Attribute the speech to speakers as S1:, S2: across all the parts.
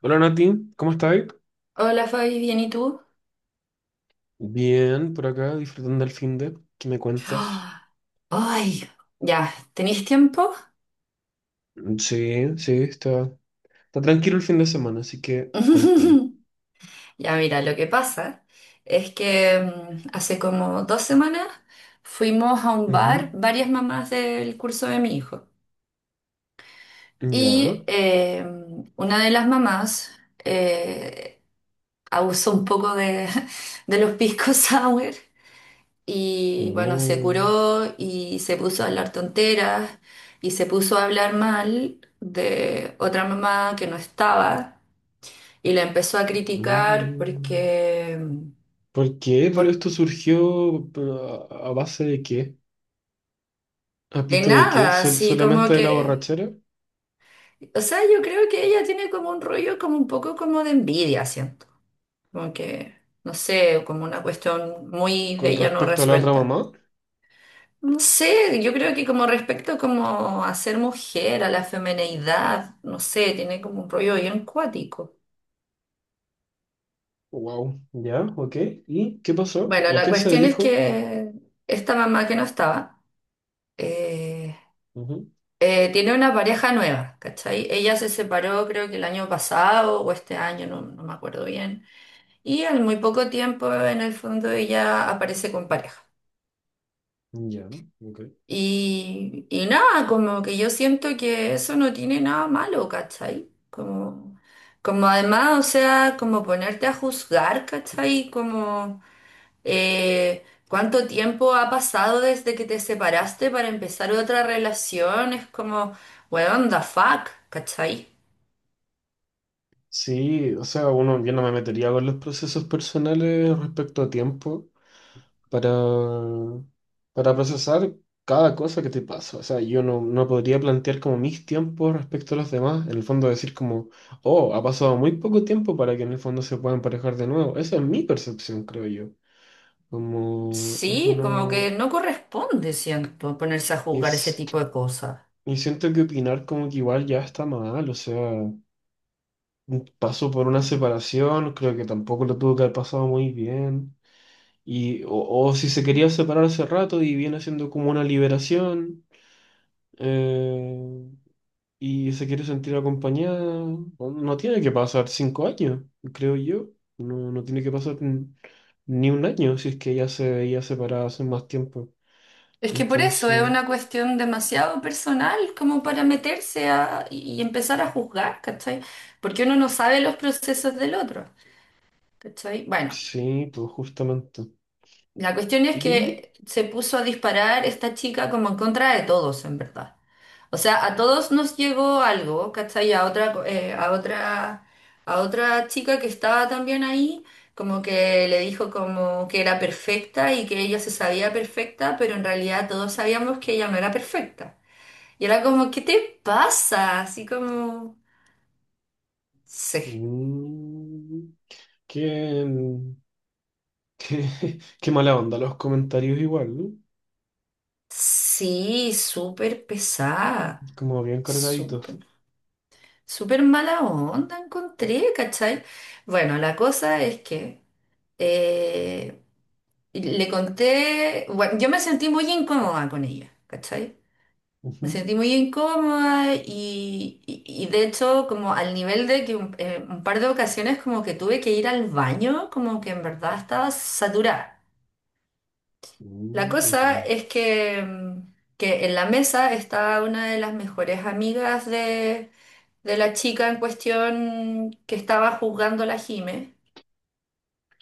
S1: Hola Nati, ¿cómo estás?
S2: Hola Fabi, ¿bien y tú?
S1: Bien, por acá, disfrutando el fin de. ¿Qué me cuentas?
S2: Ah, ay, ya, ¿tenéis tiempo?
S1: Sí, sí, está tranquilo el fin de semana, así que cuéntame.
S2: Ya, mira, lo que pasa es que hace como 2 semanas fuimos a un bar,
S1: Ujú.
S2: varias mamás del curso de mi hijo, y
S1: Ya,
S2: una de las mamás eh, abusó un poco de, de los pisco sour. Y bueno, se
S1: no.
S2: curó y se puso a hablar tonteras y se puso a hablar mal de otra mamá que no estaba y la empezó a criticar
S1: Mm.
S2: porque,
S1: ¿Por qué? ¿Pero
S2: por,
S1: esto surgió pero, a base de qué? ¿A
S2: de
S1: pito de qué?
S2: nada, así como
S1: Solamente de la
S2: que,
S1: borrachera?
S2: o sea, yo creo que ella tiene como un rollo como un poco como de envidia, siento, como que, no sé, como una cuestión muy de
S1: ¿Con
S2: ella no
S1: respecto a la otra
S2: resuelta.
S1: mamá?
S2: No sé, yo creo que como respecto como a ser mujer, a la femineidad, no sé, tiene como un rollo bien cuático.
S1: Wow, ya, ok. ¿Y qué pasó?
S2: Bueno,
S1: ¿O
S2: la
S1: qué se
S2: cuestión es
S1: dijo?
S2: que esta mamá que no estaba, eh,
S1: Ujú.
S2: tiene una pareja nueva, ¿cachai? Ella se separó creo que el año pasado o este año, no, no me acuerdo bien, y al muy poco tiempo en el fondo ella aparece con pareja.
S1: Ya, ok.
S2: Y nada, como que yo siento que eso no tiene nada malo, ¿cachai? Como, como además, o sea, como ponerte a juzgar, ¿cachai? Como cuánto tiempo ha pasado desde que te separaste para empezar otra relación, es como, weón, the fuck, ¿cachai?
S1: Sí, o sea, uno, yo no me metería con los procesos personales respecto a tiempo para, para procesar cada cosa que te pasa. O sea, yo no, no podría plantear como mis tiempos respecto a los demás. En el fondo decir como, oh, ha pasado muy poco tiempo para que en el fondo se puedan emparejar de nuevo. Esa es mi percepción, creo yo. Como es
S2: Sí, como
S1: una.
S2: que no corresponde, siento, ponerse a juzgar ese
S1: Es,
S2: tipo de cosas.
S1: y siento que opinar como que igual ya está mal. O sea, pasó por una separación, creo que tampoco lo tuvo que haber pasado muy bien. Y, o si se quería separar hace rato y viene siendo como una liberación, eh, y se quiere sentir acompañada, no tiene que pasar 5 años, creo yo. No, no tiene que pasar ni un año si es que ella se veía separada hace más tiempo.
S2: Es que por eso es
S1: Entonces,
S2: una cuestión demasiado personal como para meterse a, y empezar a juzgar, ¿cachai? Porque uno no sabe los procesos del otro, ¿cachai? Bueno,
S1: sí, pues justamente.
S2: la cuestión es
S1: Y
S2: que se puso a disparar esta chica como en contra de todos, en verdad. O sea, a todos nos llegó algo, ¿cachai? A otra, a otra chica que estaba también ahí, como que le dijo como que era perfecta y que ella se sabía perfecta, pero en realidad todos sabíamos que ella no era perfecta. Y era como, ¿qué te pasa? Así como, sí,
S1: mm, qué, mm, qué, qué mala onda los comentarios igual, ¿no?
S2: sí, súper pesada,
S1: Como bien
S2: súper,
S1: cargaditos.
S2: súper mala onda encontré, ¿cachai? Bueno, la cosa es que eh, le conté, bueno, yo me sentí muy incómoda con ella, ¿cachai? Me
S1: Ujú.
S2: sentí muy incómoda y, y de hecho como al nivel de que un par de ocasiones como que tuve que ir al baño, como que en verdad estaba saturada. La cosa
S1: Entiendo.
S2: es que, que en la mesa estaba una de las mejores amigas de la chica en cuestión que estaba juzgando a la Jime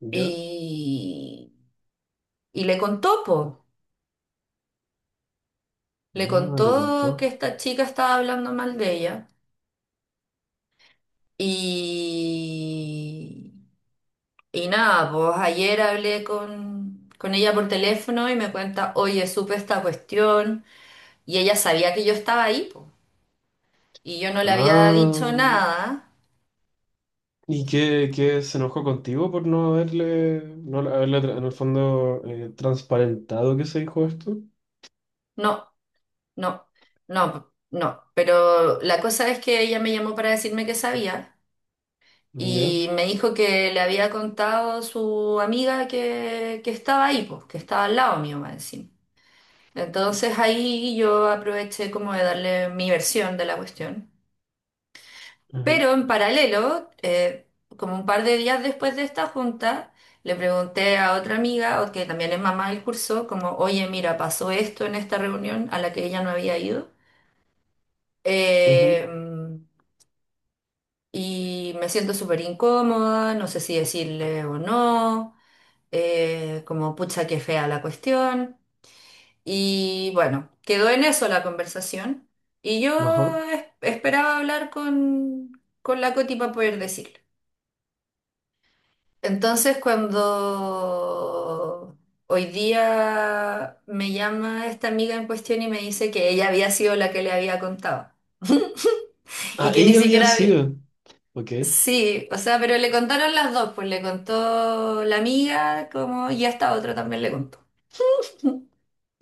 S1: ¿Ya?
S2: y, y le contó, po, le
S1: No, le contó.
S2: contó que esta chica estaba hablando mal de ella y, y nada, pues ayer hablé con ella por teléfono y me cuenta, oye, supe esta cuestión y ella sabía que yo estaba ahí, po, y yo no le había dicho
S1: Ah,
S2: nada.
S1: ¿y qué se enojó contigo por no haberle, no haberle en el fondo transparentado que se dijo esto?
S2: No, no, no, no. Pero la cosa es que ella me llamó para decirme que sabía
S1: ¿Ya?
S2: y me dijo que le había contado su amiga que estaba ahí, pues, que estaba al lado mío, más encima. Entonces ahí yo aproveché como de darle mi versión de la cuestión.
S1: Ujú,
S2: Pero en paralelo, como un par de días después de esta junta, le pregunté a otra amiga, o que también es mamá del curso, como, oye, mira, pasó esto en esta reunión a la que ella no había ido. Eh,
S1: ujú.
S2: mm, y me siento súper incómoda, no sé si decirle o no, como pucha que fea la cuestión. Y bueno, quedó en eso la conversación. Y yo
S1: Ajá.
S2: esperaba hablar con la Coti para poder decirle. Entonces, cuando hoy día me llama esta amiga en cuestión y me dice que ella había sido la que le había contado y
S1: Ah,
S2: que ni
S1: ella había
S2: siquiera.
S1: sido. Ok.
S2: Sí, o sea, pero le contaron las dos, pues le contó la amiga como y esta otra también le contó.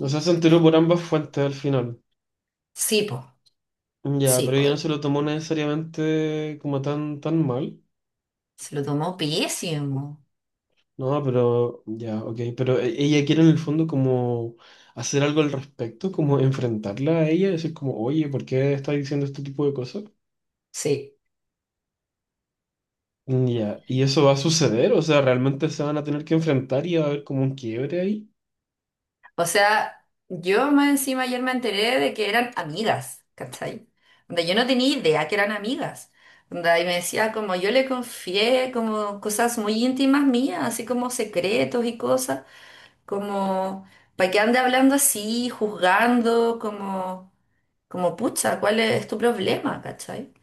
S1: O sea, se enteró por ambas fuentes al final.
S2: Sí, pues,
S1: Ya,
S2: sí,
S1: pero ella no
S2: pues,
S1: se lo tomó necesariamente como tan, tan mal.
S2: se lo tomó pésimo.
S1: No, pero ya, ok, pero ella quiere en el fondo como hacer algo al respecto, como enfrentarla a ella, decir como, oye, ¿por qué está diciendo este tipo de cosas?
S2: Sí,
S1: Mm, ya, y eso va a suceder, o sea, realmente se van a tener que enfrentar y va a haber como un quiebre ahí.
S2: o sea, yo más encima ayer me enteré de que eran amigas, ¿cachai? Donde yo no tenía idea que eran amigas. Onda, y me decía como yo le confié como cosas muy íntimas mías, así como secretos y cosas, como para que ande hablando así, juzgando, como... Como, pucha, ¿cuál es tu problema? ¿Cachai?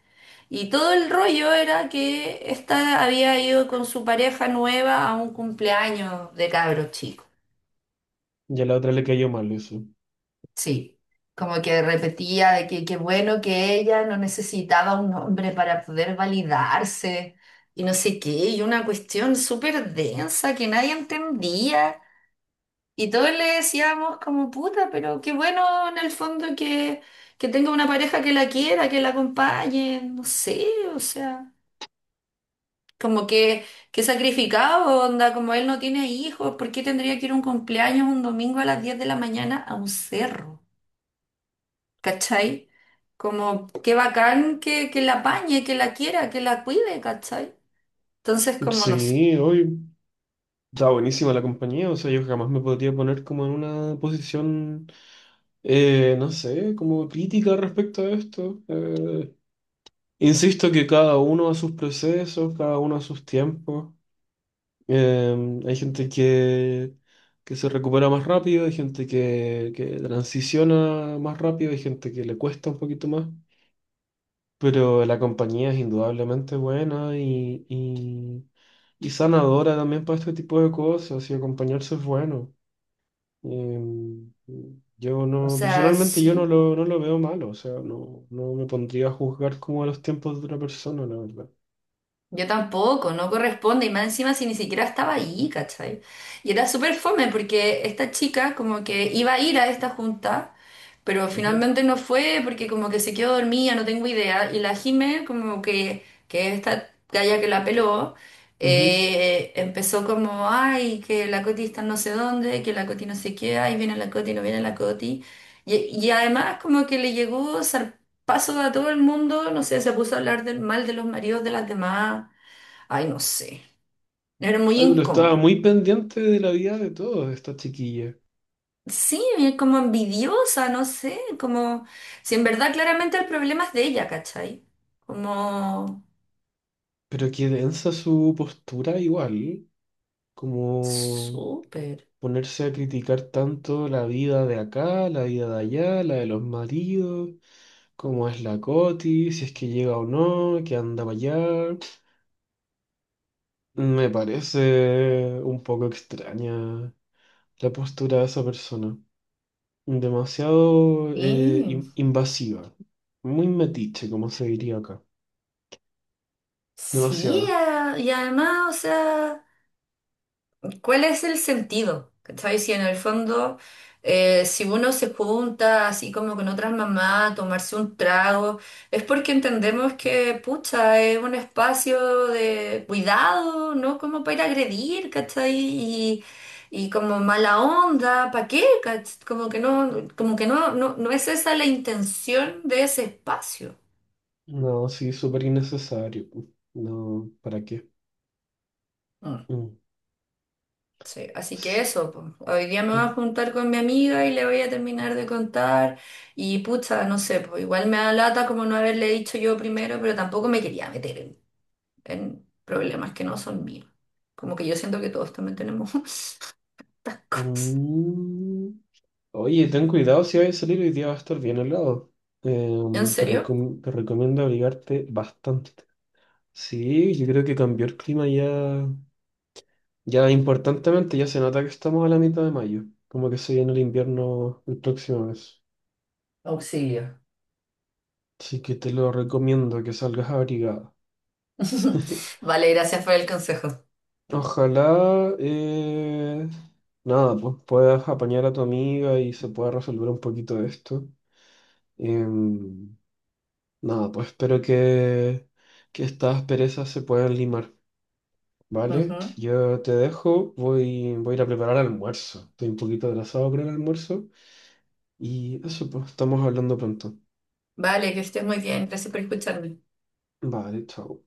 S2: Y todo el rollo era que esta había ido con su pareja nueva a un cumpleaños de cabros chicos.
S1: Ya a la otra le cayó mal eso.
S2: Sí. Como que repetía de que qué bueno que ella no necesitaba un hombre para poder validarse y no sé qué, y una cuestión súper densa que nadie entendía. Y todos le decíamos como puta, pero qué bueno en el fondo que tenga una pareja que la quiera, que la acompañe, no sé, o sea, como que sacrificado, onda, como él no tiene hijos, ¿por qué tendría que ir a un cumpleaños un domingo a las 10 de la mañana a un cerro? ¿Cachai? Como qué bacán que la apañe, que la quiera, que la cuide, ¿cachai? Entonces, como no sé.
S1: Sí, hoy está buenísima la compañía, o sea, yo jamás me podría poner como en una posición, no sé, como crítica respecto a esto. Insisto que cada uno a sus procesos, cada uno a sus tiempos. Hay gente que, se recupera más rápido, hay gente que, transiciona más rápido, hay gente que le cuesta un poquito más. Pero la compañía es indudablemente buena y sanadora también para este tipo de cosas y acompañarse es bueno. Eh, yo
S2: O
S1: no,
S2: sea,
S1: personalmente yo no
S2: sí.
S1: lo, veo malo, o sea, no, no me pondría a juzgar como a los tiempos de otra persona, la verdad.
S2: Yo tampoco, no corresponde, y más encima si ni siquiera estaba ahí, ¿cachai? Y era súper fome porque esta chica como que iba a ir a esta junta, pero
S1: Ajá.
S2: finalmente no fue porque como que se quedó dormida, no tengo idea, y la Jime como que esta galla que la peló,
S1: Ujú.
S2: empezó como, ay, que la Coti está en no sé dónde, que la Coti no sé qué, ay, viene la Coti, no viene la Coti, y además como que le llegó paso a todo el mundo, no sé, se puso a hablar del mal de los maridos de las demás. Ay, no sé. Era muy
S1: Ay, pero estaba
S2: incómodo.
S1: muy pendiente de la vida de todos esta chiquilla.
S2: Sí, como envidiosa, no sé, como si en verdad claramente el problema es de ella, ¿cachai? Como
S1: Pero qué densa su postura igual, como
S2: súper.
S1: ponerse a criticar tanto la vida de acá, la vida de allá, la de los maridos, cómo es la Coti, si es que llega o no, que anda para allá. Me parece un poco extraña la postura de esa persona. Demasiado
S2: Sí,
S1: invasiva. Muy metiche, como se diría acá.
S2: sí,
S1: Demasiado.
S2: y además, o sea. ¿Cuál es el sentido? ¿Cachai? Si en el fondo, si uno se junta así como con otras mamás a tomarse un trago, es porque entendemos que, pucha, es un espacio de cuidado, ¿no? Como para ir a agredir, ¿cachai? Y como mala onda, ¿para qué? ¿Cach- como que no, no, no es esa la intención de ese espacio.
S1: No, sí, súper innecesario. No, ¿para qué? Mm.
S2: Sí, así que
S1: S-
S2: eso, po. Hoy día me voy
S1: mm.
S2: a juntar con mi amiga y le voy a terminar de contar y pucha, no sé, pues igual me da lata como no haberle dicho yo primero, pero tampoco me quería meter en problemas que no son míos. Como que yo siento que todos también tenemos estas cosas.
S1: Mm. Oye, ten cuidado si vas a salir hoy día va a estar bien helado.
S2: ¿En
S1: Te
S2: serio?
S1: te recomiendo abrigarte bastante. Sí, yo creo que cambió el clima ya, ya importantemente, ya se nota que estamos a la mitad de mayo, como que se viene el invierno el próximo mes.
S2: Auxilio.
S1: Así que te lo recomiendo que salgas abrigada.
S2: Vale, gracias por el consejo.
S1: Ojalá, nada, pues puedas apañar a tu amiga y se pueda resolver un poquito de esto. Em, Nada, pues espero que, estas perezas se puedan limar, ¿vale?
S2: Ujú.
S1: Yo te dejo, voy a ir a preparar almuerzo. Estoy un poquito atrasado con el almuerzo y eso, pues estamos hablando pronto.
S2: Vale, que estés muy bien. Gracias por escucharme.
S1: Vale, chao.